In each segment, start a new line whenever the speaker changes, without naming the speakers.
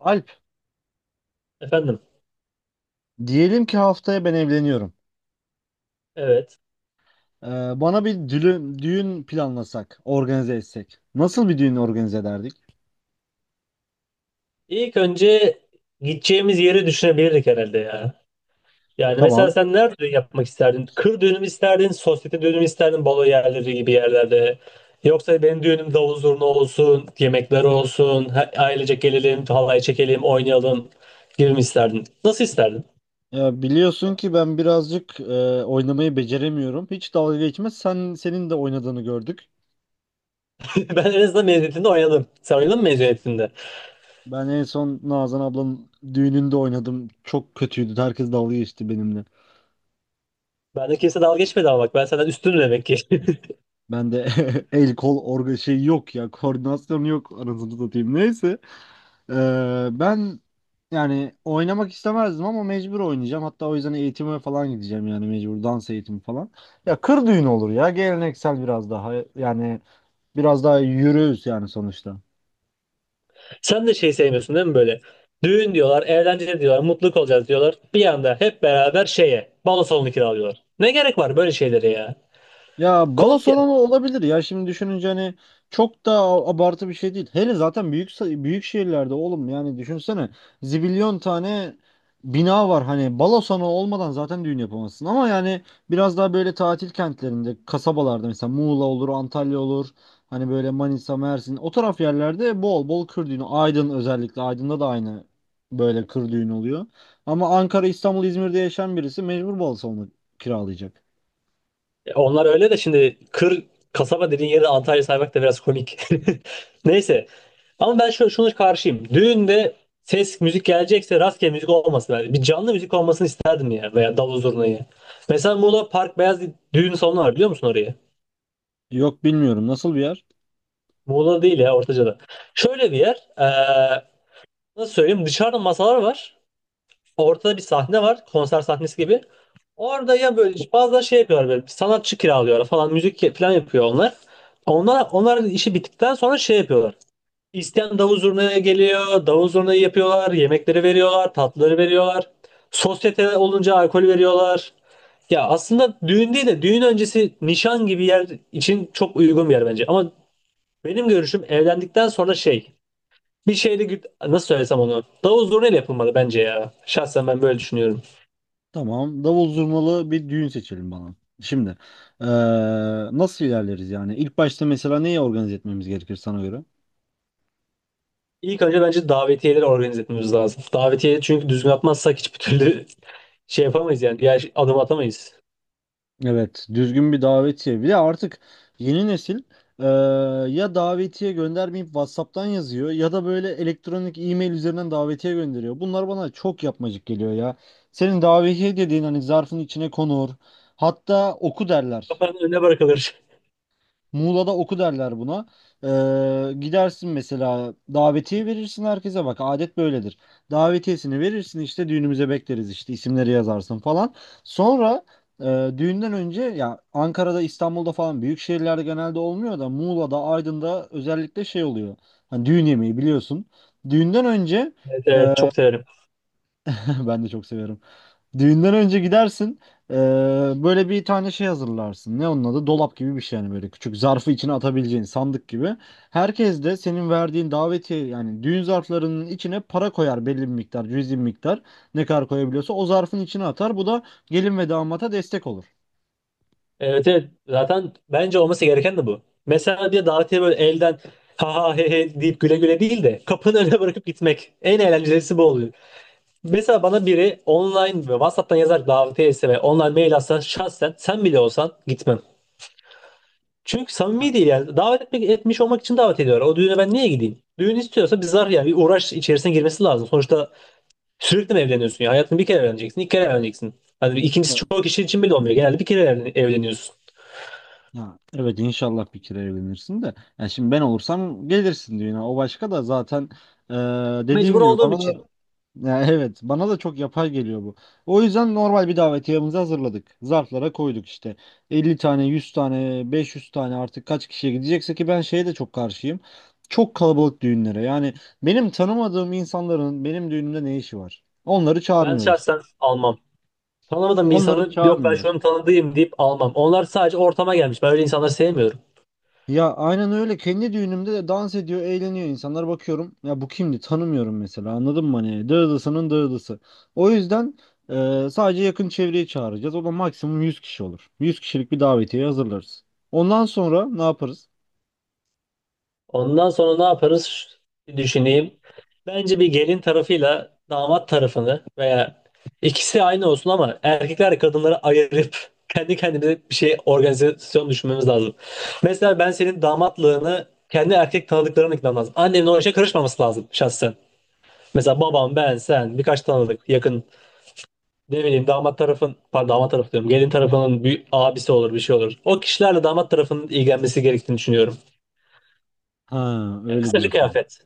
Alp,
Efendim,
diyelim ki haftaya ben evleniyorum.
evet.
Ee, Bana bir düğün planlasak, organize etsek. Nasıl bir düğün organize ederdik?
İlk önce gideceğimiz yeri düşünebilirdik herhalde ya. Yani mesela
Tamam.
sen nerede yapmak isterdin? Kır düğünü mü isterdin, sosyete düğünü mü isterdin, balo yerleri gibi yerlerde? Yoksa benim düğünüm davul zurna olsun, yemekler olsun, ailecek gelelim, halay çekelim, oynayalım gibi mi isterdin? Nasıl isterdin?
Ya biliyorsun ki ben birazcık oynamayı beceremiyorum. Hiç dalga geçmez. Senin de oynadığını gördük.
Ben en azından mezuniyetinde oynadım. Sen oynadın mı mezuniyetinde?
Ben en son Nazan ablanın düğününde oynadım. Çok kötüydü. Herkes dalga geçti benimle.
Bende kimse dalga geçmedi ama bak ben senden üstünüm demek ki.
Ben de el kol orga şey yok ya. Koordinasyon yok anasını satayım. Neyse. Ben yani oynamak istemezdim ama mecbur oynayacağım. Hatta o yüzden eğitime falan gideceğim yani mecbur dans eğitimi falan. Ya kır düğünü olur ya geleneksel biraz daha yürüyüz yani sonuçta.
Sen de şey sevmiyorsun değil mi böyle? Düğün diyorlar, eğlence diyorlar, mutluluk olacağız diyorlar. Bir anda hep beraber şeye, balo salonu kiralıyorlar. Ne gerek var böyle şeylere ya?
Ya balo
Koskep.
salonu olabilir ya şimdi düşününce hani çok da abartı bir şey değil. Hele zaten büyük şehirlerde oğlum yani düşünsene zibilyon tane bina var hani balo salonu olmadan zaten düğün yapamazsın. Ama yani biraz daha böyle tatil kentlerinde kasabalarda mesela Muğla olur Antalya olur hani böyle Manisa Mersin o taraf yerlerde bol bol kır düğünü, Aydın, özellikle Aydın'da da aynı böyle kır düğünü oluyor. Ama Ankara, İstanbul, İzmir'de yaşayan birisi mecbur balo salonu kiralayacak.
Onlar öyle de şimdi kasaba dediğin yeri Antalya saymak da biraz komik. Neyse. Ama ben şunu karşıyım. Düğünde ses, müzik gelecekse rastgele müzik olmasın. Yani bir canlı müzik olmasını isterdim ya. Veya davul zurnayı. Mesela Muğla Park Beyaz düğün salonu var, biliyor musun orayı?
Yok, bilmiyorum. Nasıl bir yer?
Muğla değil ya, Ortaca'da. Şöyle bir yer. Nasıl söyleyeyim, dışarıda masalar var. Ortada bir sahne var. Konser sahnesi gibi. Orada ya böyle bazen şey yapıyorlar, böyle sanatçı kiralıyorlar falan, müzik falan yapıyor onlar. Onlar işi bittikten sonra şey yapıyorlar. İsteyen davul zurnaya geliyor. Davul zurnayı yapıyorlar. Yemekleri veriyorlar. Tatlıları veriyorlar. Sosyete olunca alkol veriyorlar. Ya aslında düğün değil de düğün öncesi nişan gibi yer için çok uygun bir yer bence. Ama benim görüşüm, evlendikten sonra şey bir şeyle nasıl söylesem onu. Davul zurnayla yapılmalı bence ya. Şahsen ben böyle düşünüyorum.
Tamam. Davul zurnalı bir düğün seçelim bana. Şimdi eee, nasıl ilerleriz yani? İlk başta mesela neyi organize etmemiz gerekir sana göre?
İlk önce bence davetiyeleri organize etmemiz lazım. Davetiye çünkü düzgün atmazsak hiçbir türlü şey yapamayız yani. Diğer şey, adım atamayız.
Evet, düzgün bir davetiye. Bir de artık yeni nesil, eee, ya davetiye göndermeyip WhatsApp'tan yazıyor ya da böyle elektronik e-mail üzerinden davetiye gönderiyor. Bunlar bana çok yapmacık geliyor ya. Senin davetiye dediğin hani zarfın içine konur. Hatta oku derler.
Kapının önüne bırakılır.
Muğla'da oku derler buna. Gidersin mesela davetiye verirsin herkese, bak adet böyledir. Davetiyesini verirsin işte düğünümüze bekleriz işte isimleri yazarsın falan. Sonra düğünden önce ya Ankara'da İstanbul'da falan büyük şehirlerde genelde olmuyor da Muğla'da Aydın'da özellikle şey oluyor. Hani düğün yemeği biliyorsun. Düğünden önce
Evet, evet çok severim.
ben de çok severim. Düğünden önce gidersin. eee, Böyle bir tane şey hazırlarsın. Ne onun adı? Dolap gibi bir şey yani böyle küçük zarfı içine atabileceğin sandık gibi. Herkes de senin verdiğin davetiye yani düğün zarflarının içine para koyar, belli bir miktar, cüzi bir miktar. Ne kadar koyabiliyorsa o zarfın içine atar. Bu da gelin ve damata destek olur.
Evet evet, zaten bence olması gereken de bu. Mesela diye davetiye böyle elden ha ha he he deyip güle güle değil de kapının önüne bırakıp gitmek. En eğlencelisi bu oluyor. Mesela bana biri online ve WhatsApp'tan yazar davetiye etse ve online mail atsa, şahsen sen bile olsan gitmem. Çünkü
Ha.
samimi değil yani. Davet etmek, etmiş olmak için davet ediyorlar. O düğüne ben niye gideyim? Düğün istiyorsa bir zar yani bir uğraş içerisine girmesi lazım. Sonuçta sürekli mi evleniyorsun ya? Hayatını bir kere evleneceksin, iki kere evleneceksin. Hani ikincisi
Ya-.
çoğu kişi için bile olmuyor. Genelde bir kere evleniyorsun.
Ha, evet inşallah bir kere evlenirsin de. Yani şimdi ben olursam gelirsin düğüne. O başka da zaten eee dediğin
Mecbur
gibi
olduğum
bana da.
için
Ya evet, bana da çok yapay geliyor bu. O yüzden normal bir davetiyemizi hazırladık. Zarflara koyduk işte. 50 tane, 100 tane, 500 tane artık kaç kişiye gidecekse. Ki ben şeye de çok karşıyım, çok kalabalık düğünlere. Yani benim tanımadığım insanların benim düğünümde ne işi var? Onları
ben
çağırmıyoruz.
şahsen almam. Tanımadığım bir
Onları
insanı yok ben
çağırmıyoruz.
şunun tanıdığım deyip almam. Onlar sadece ortama gelmiş. Ben öyle insanları sevmiyorum.
Ya aynen öyle. Kendi düğünümde de dans ediyor, eğleniyor insanlar, bakıyorum. Ya bu kimdi? Tanımıyorum mesela. Anladın mı? Hani dağılısının dağılısı. O yüzden sadece yakın çevreyi çağıracağız. O da maksimum 100 kişi olur. 100 kişilik bir davetiye hazırlarız. Ondan sonra ne yaparız?
Ondan sonra ne yaparız? Bir düşüneyim. Bence bir gelin tarafıyla damat tarafını veya ikisi aynı olsun ama erkekler kadınları ayırıp kendi kendimize bir şey, organizasyon düşünmemiz lazım. Mesela ben senin damatlığını kendi erkek tanıdıklarına ikna lazım. Annemin o işe karışmaması lazım şahsen. Mesela babam, ben, sen, birkaç tanıdık, yakın, ne bileyim damat tarafın, pardon damat tarafı diyorum, gelin tarafının bir abisi olur, bir şey olur. O kişilerle damat tarafının ilgilenmesi gerektiğini düşünüyorum.
Ha,
Yani
öyle
kısaca
diyorsun.
kıyafet.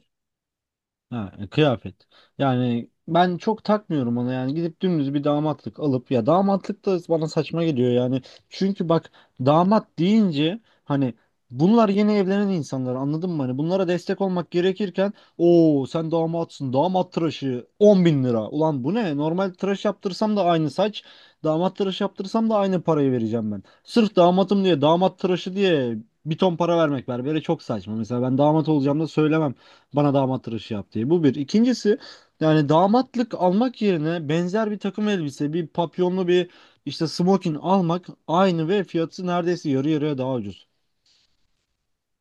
Ha, kıyafet. Yani ben çok takmıyorum ona, yani gidip dümdüz bir damatlık alıp, ya damatlık da bana saçma geliyor yani. Çünkü bak, damat deyince hani bunlar yeni evlenen insanlar, anladın mı? Hani bunlara destek olmak gerekirken, o sen damatsın damat tıraşı 10.000 lira. Ulan bu ne? Normal tıraş yaptırsam da aynı saç, damat tıraşı yaptırsam da aynı parayı vereceğim ben. Sırf damatım diye, damat tıraşı diye bir ton para vermek berbere çok saçma. Mesela ben damat olacağım da söylemem. Bana damat tıraşı yap diye. Bu bir. İkincisi, yani damatlık almak yerine benzer bir takım elbise, bir papyonlu bir işte smokin almak aynı ve fiyatı neredeyse yarı yarıya daha ucuz.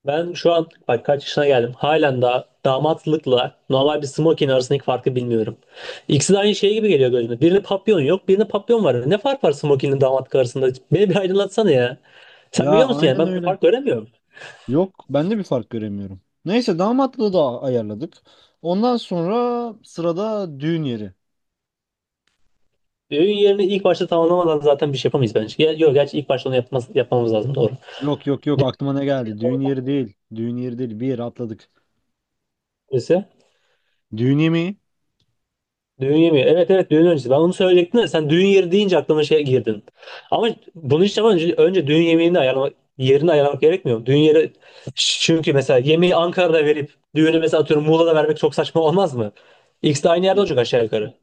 Ben şu an bak kaç yaşına geldim. Halen daha damatlıkla normal bir smoking arasındaki farkı bilmiyorum. İkisi de aynı şey gibi geliyor gözüme. Birinde papyon yok, birinde papyon var. Ne fark var smokingle damatlık arasında? Beni bir aydınlatsana ya.
Ya
Sen biliyor musun, yani
aynen
ben bir
öyle.
fark göremiyorum.
Yok, ben de bir fark göremiyorum. Neyse, damatlığı da ayarladık. Ondan sonra sırada düğün yeri.
Düğün yerini ilk başta tamamlamadan zaten bir şey yapamayız bence. Ya, yok gerçi ilk başta onu yapmamız lazım, doğru.
Yok yok yok, aklıma ne geldi? Düğün
Ortak
yeri değil. Düğün yeri değil. Bir yeri atladık.
birisi.
Düğün yemeği.
Düğün yemeği. Evet evet, düğün öncesi. Ben bunu söyleyecektim de sen düğün yeri deyince aklıma şey girdin. Ama bunu hiç yapmadan önce, önce düğün yemeğini ayarlamak, yerini ayarlamak gerekmiyor mu? Düğün yeri çünkü mesela yemeği Ankara'da verip düğünü mesela atıyorum Muğla'da vermek çok saçma olmaz mı? İkisi de aynı yerde olacak aşağı yukarı.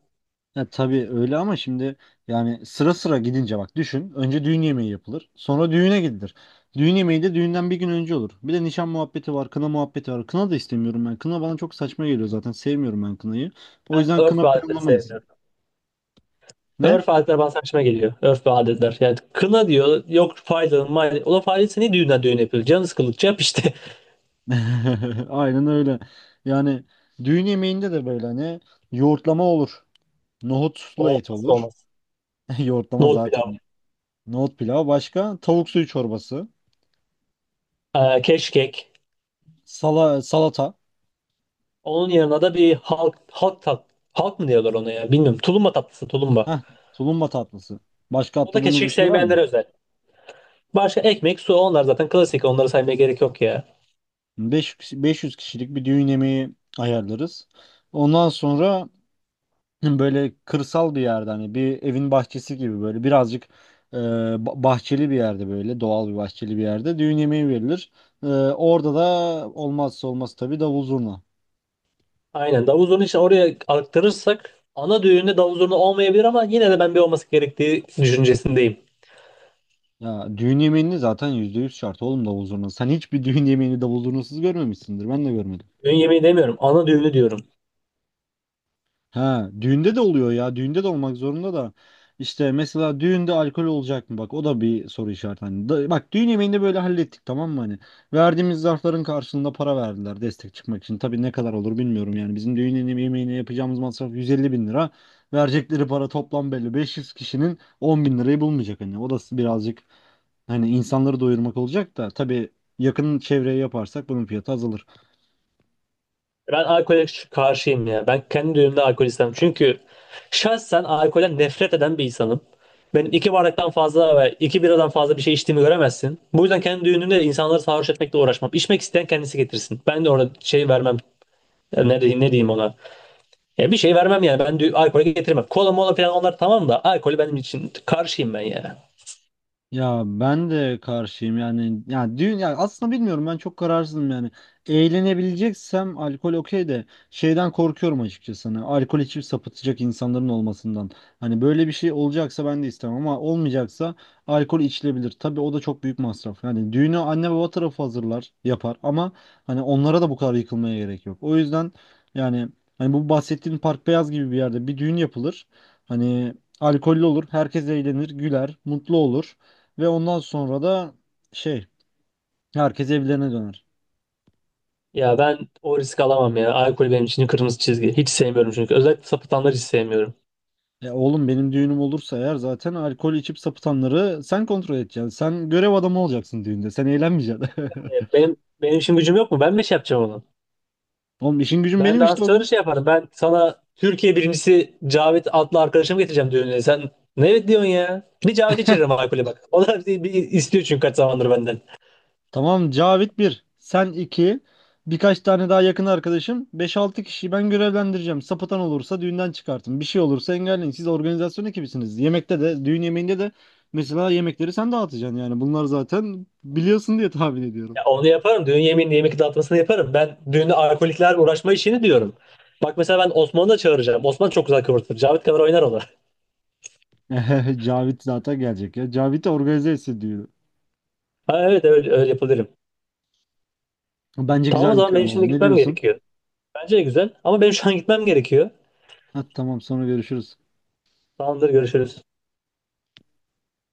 Ya tabii öyle, ama şimdi yani sıra sıra gidince bak düşün. Önce düğün yemeği yapılır. Sonra düğüne gidilir. Düğün yemeği de düğünden bir gün önce olur. Bir de nişan muhabbeti var, kına muhabbeti var. Kına da istemiyorum ben. Kına bana çok saçma geliyor zaten. Sevmiyorum ben kınayı. O yüzden
Ben örf
kına
ve adetleri
planlamayız.
sevmiyorum.
Ne?
Örf ve adetler bana saçma geliyor. Örf ve adetler. Yani kına diyor, yok faydalı maydalı. Ulan faydası ne düğünden, düğün yapıyor? Canı sıkıldıkça yap işte.
Aynen öyle. Yani düğün yemeğinde de böyle hani yoğurtlama olur.
O
Nohutlu et
olmazsa
olur.
olmaz.
Yoğurtlama
Nohut pilav.
zaten. Nohut pilavı başka. Tavuk suyu çorbası.
Keşkek.
Sala, salata.
Onun yanına da bir halk mı diyorlar ona, ya bilmiyorum. Tulumba tatlısı, tulumba.
Heh, tulumba tatlısı. Başka
O da
atladığımız bir
keşkek
şey var mı?
sevmeyenlere özel. Başka ekmek, su, onlar zaten klasik. Onları saymaya gerek yok ya.
5 500 kişilik bir düğün yemeği ayarlarız. Ondan sonra böyle kırsal bir yerde hani bir evin bahçesi gibi böyle birazcık bahçeli bir yerde, böyle doğal bir bahçeli bir yerde düğün yemeği verilir. E, orada da olmazsa olmaz tabii davul zurna.
Aynen. Davul zurna için oraya aktarırsak ana düğünde davul zurna olmayabilir ama yine de ben bir olması gerektiği düşüncesindeyim.
Ya düğün yemeğini zaten %100 şart oğlum davul zurna. Sen hiçbir düğün yemeğini davul zurnasız görmemişsindir. Ben de görmedim.
Düğün yemeği demiyorum. Ana düğünü diyorum.
Ha, düğünde de oluyor ya. Düğünde de olmak zorunda da. İşte mesela düğünde alkol olacak mı? Bak o da bir soru işareti. Hani bak düğün yemeğinde böyle hallettik, tamam mı? Hani verdiğimiz zarfların karşılığında para verdiler destek çıkmak için. Tabii ne kadar olur bilmiyorum yani. Bizim düğün yemeğine yapacağımız masraf 150 bin lira. Verecekleri para toplam belli. 500 kişinin 10 bin lirayı bulmayacak hani. O da birazcık hani insanları doyurmak olacak da. Tabii yakın çevreye yaparsak bunun fiyatı azalır.
Ben alkole karşıyım ya. Ben kendi düğümde alkol istemem. Çünkü şahsen alkolden nefret eden bir insanım. Benim iki bardaktan fazla ve iki biradan fazla bir şey içtiğimi göremezsin. Bu yüzden kendi düğünümde insanları sarhoş etmekle uğraşmam. İçmek isteyen kendisi getirsin. Ben de orada şey vermem. Ya ne diyeyim ona? Ya bir şey vermem yani. Ben alkolü getirmem. Kola mola falan onlar tamam da alkolü benim için karşıyım ben ya.
Ya ben de karşıyım yani. Ya düğün, ya aslında bilmiyorum, ben çok kararsızım yani. Eğlenebileceksem alkol okey de, şeyden korkuyorum açıkçası. Hani alkol içip sapıtacak insanların olmasından. Hani böyle bir şey olacaksa ben de istemem, ama olmayacaksa alkol içilebilir. Tabii o da çok büyük masraf. Yani düğünü anne baba tarafı hazırlar, yapar, ama hani onlara da bu kadar yıkılmaya gerek yok. O yüzden yani hani bu bahsettiğin Park Beyaz gibi bir yerde bir düğün yapılır. Hani alkollü olur, herkes eğlenir, güler, mutlu olur. Ve ondan sonra da şey, herkes evlerine döner.
Ya ben o risk alamam ya. Alkol benim için kırmızı çizgi. Hiç sevmiyorum çünkü. Özellikle sapıtanları hiç sevmiyorum.
E oğlum, benim düğünüm olursa eğer zaten alkol içip sapıtanları sen kontrol edeceksin. Sen görev adamı olacaksın düğünde. Sen eğlenmeyeceksin.
Benim benim için gücüm yok mu? Ben mi şey yapacağım onu?
Oğlum, işin gücün
Ben
benim işte o
dansçıları
gün.
şey yaparım. Ben sana Türkiye birincisi Cavit adlı arkadaşımı getireceğim düğününe. Sen ne evet diyorsun ya? Bir Cavit içiririm alkolü bak. O da bir istiyor çünkü kaç zamandır benden.
Tamam, Cavit bir, sen iki, birkaç tane daha yakın arkadaşım, beş altı kişiyi ben görevlendireceğim. Sapıtan olursa düğünden çıkartın. Bir şey olursa engelleyin. Siz organizasyon ekibisiniz. Yemekte de, düğün yemeğinde de mesela yemekleri sen dağıtacaksın yani. Bunlar zaten biliyorsun diye tahmin ediyorum.
Ya onu yaparım. Düğün yemeğini, yemek dağıtmasını yaparım. Ben düğünde alkoliklerle uğraşma işini diyorum. Bak mesela ben Osman'ı da çağıracağım. Osman çok güzel kıvırtır. Cavit kadar oynar o da.
Cavit zaten gelecek ya. Cavit'i organize etsin diyor.
Ha, evet öyle, öyle yapabilirim.
Bence
Tamam o
güzel bir
zaman
plan
benim şimdi
oldu. Ne
gitmem
diyorsun?
gerekiyor. Bence de güzel ama benim şu an gitmem gerekiyor.
Ha, tamam, sonra görüşürüz.
Tamamdır, görüşürüz.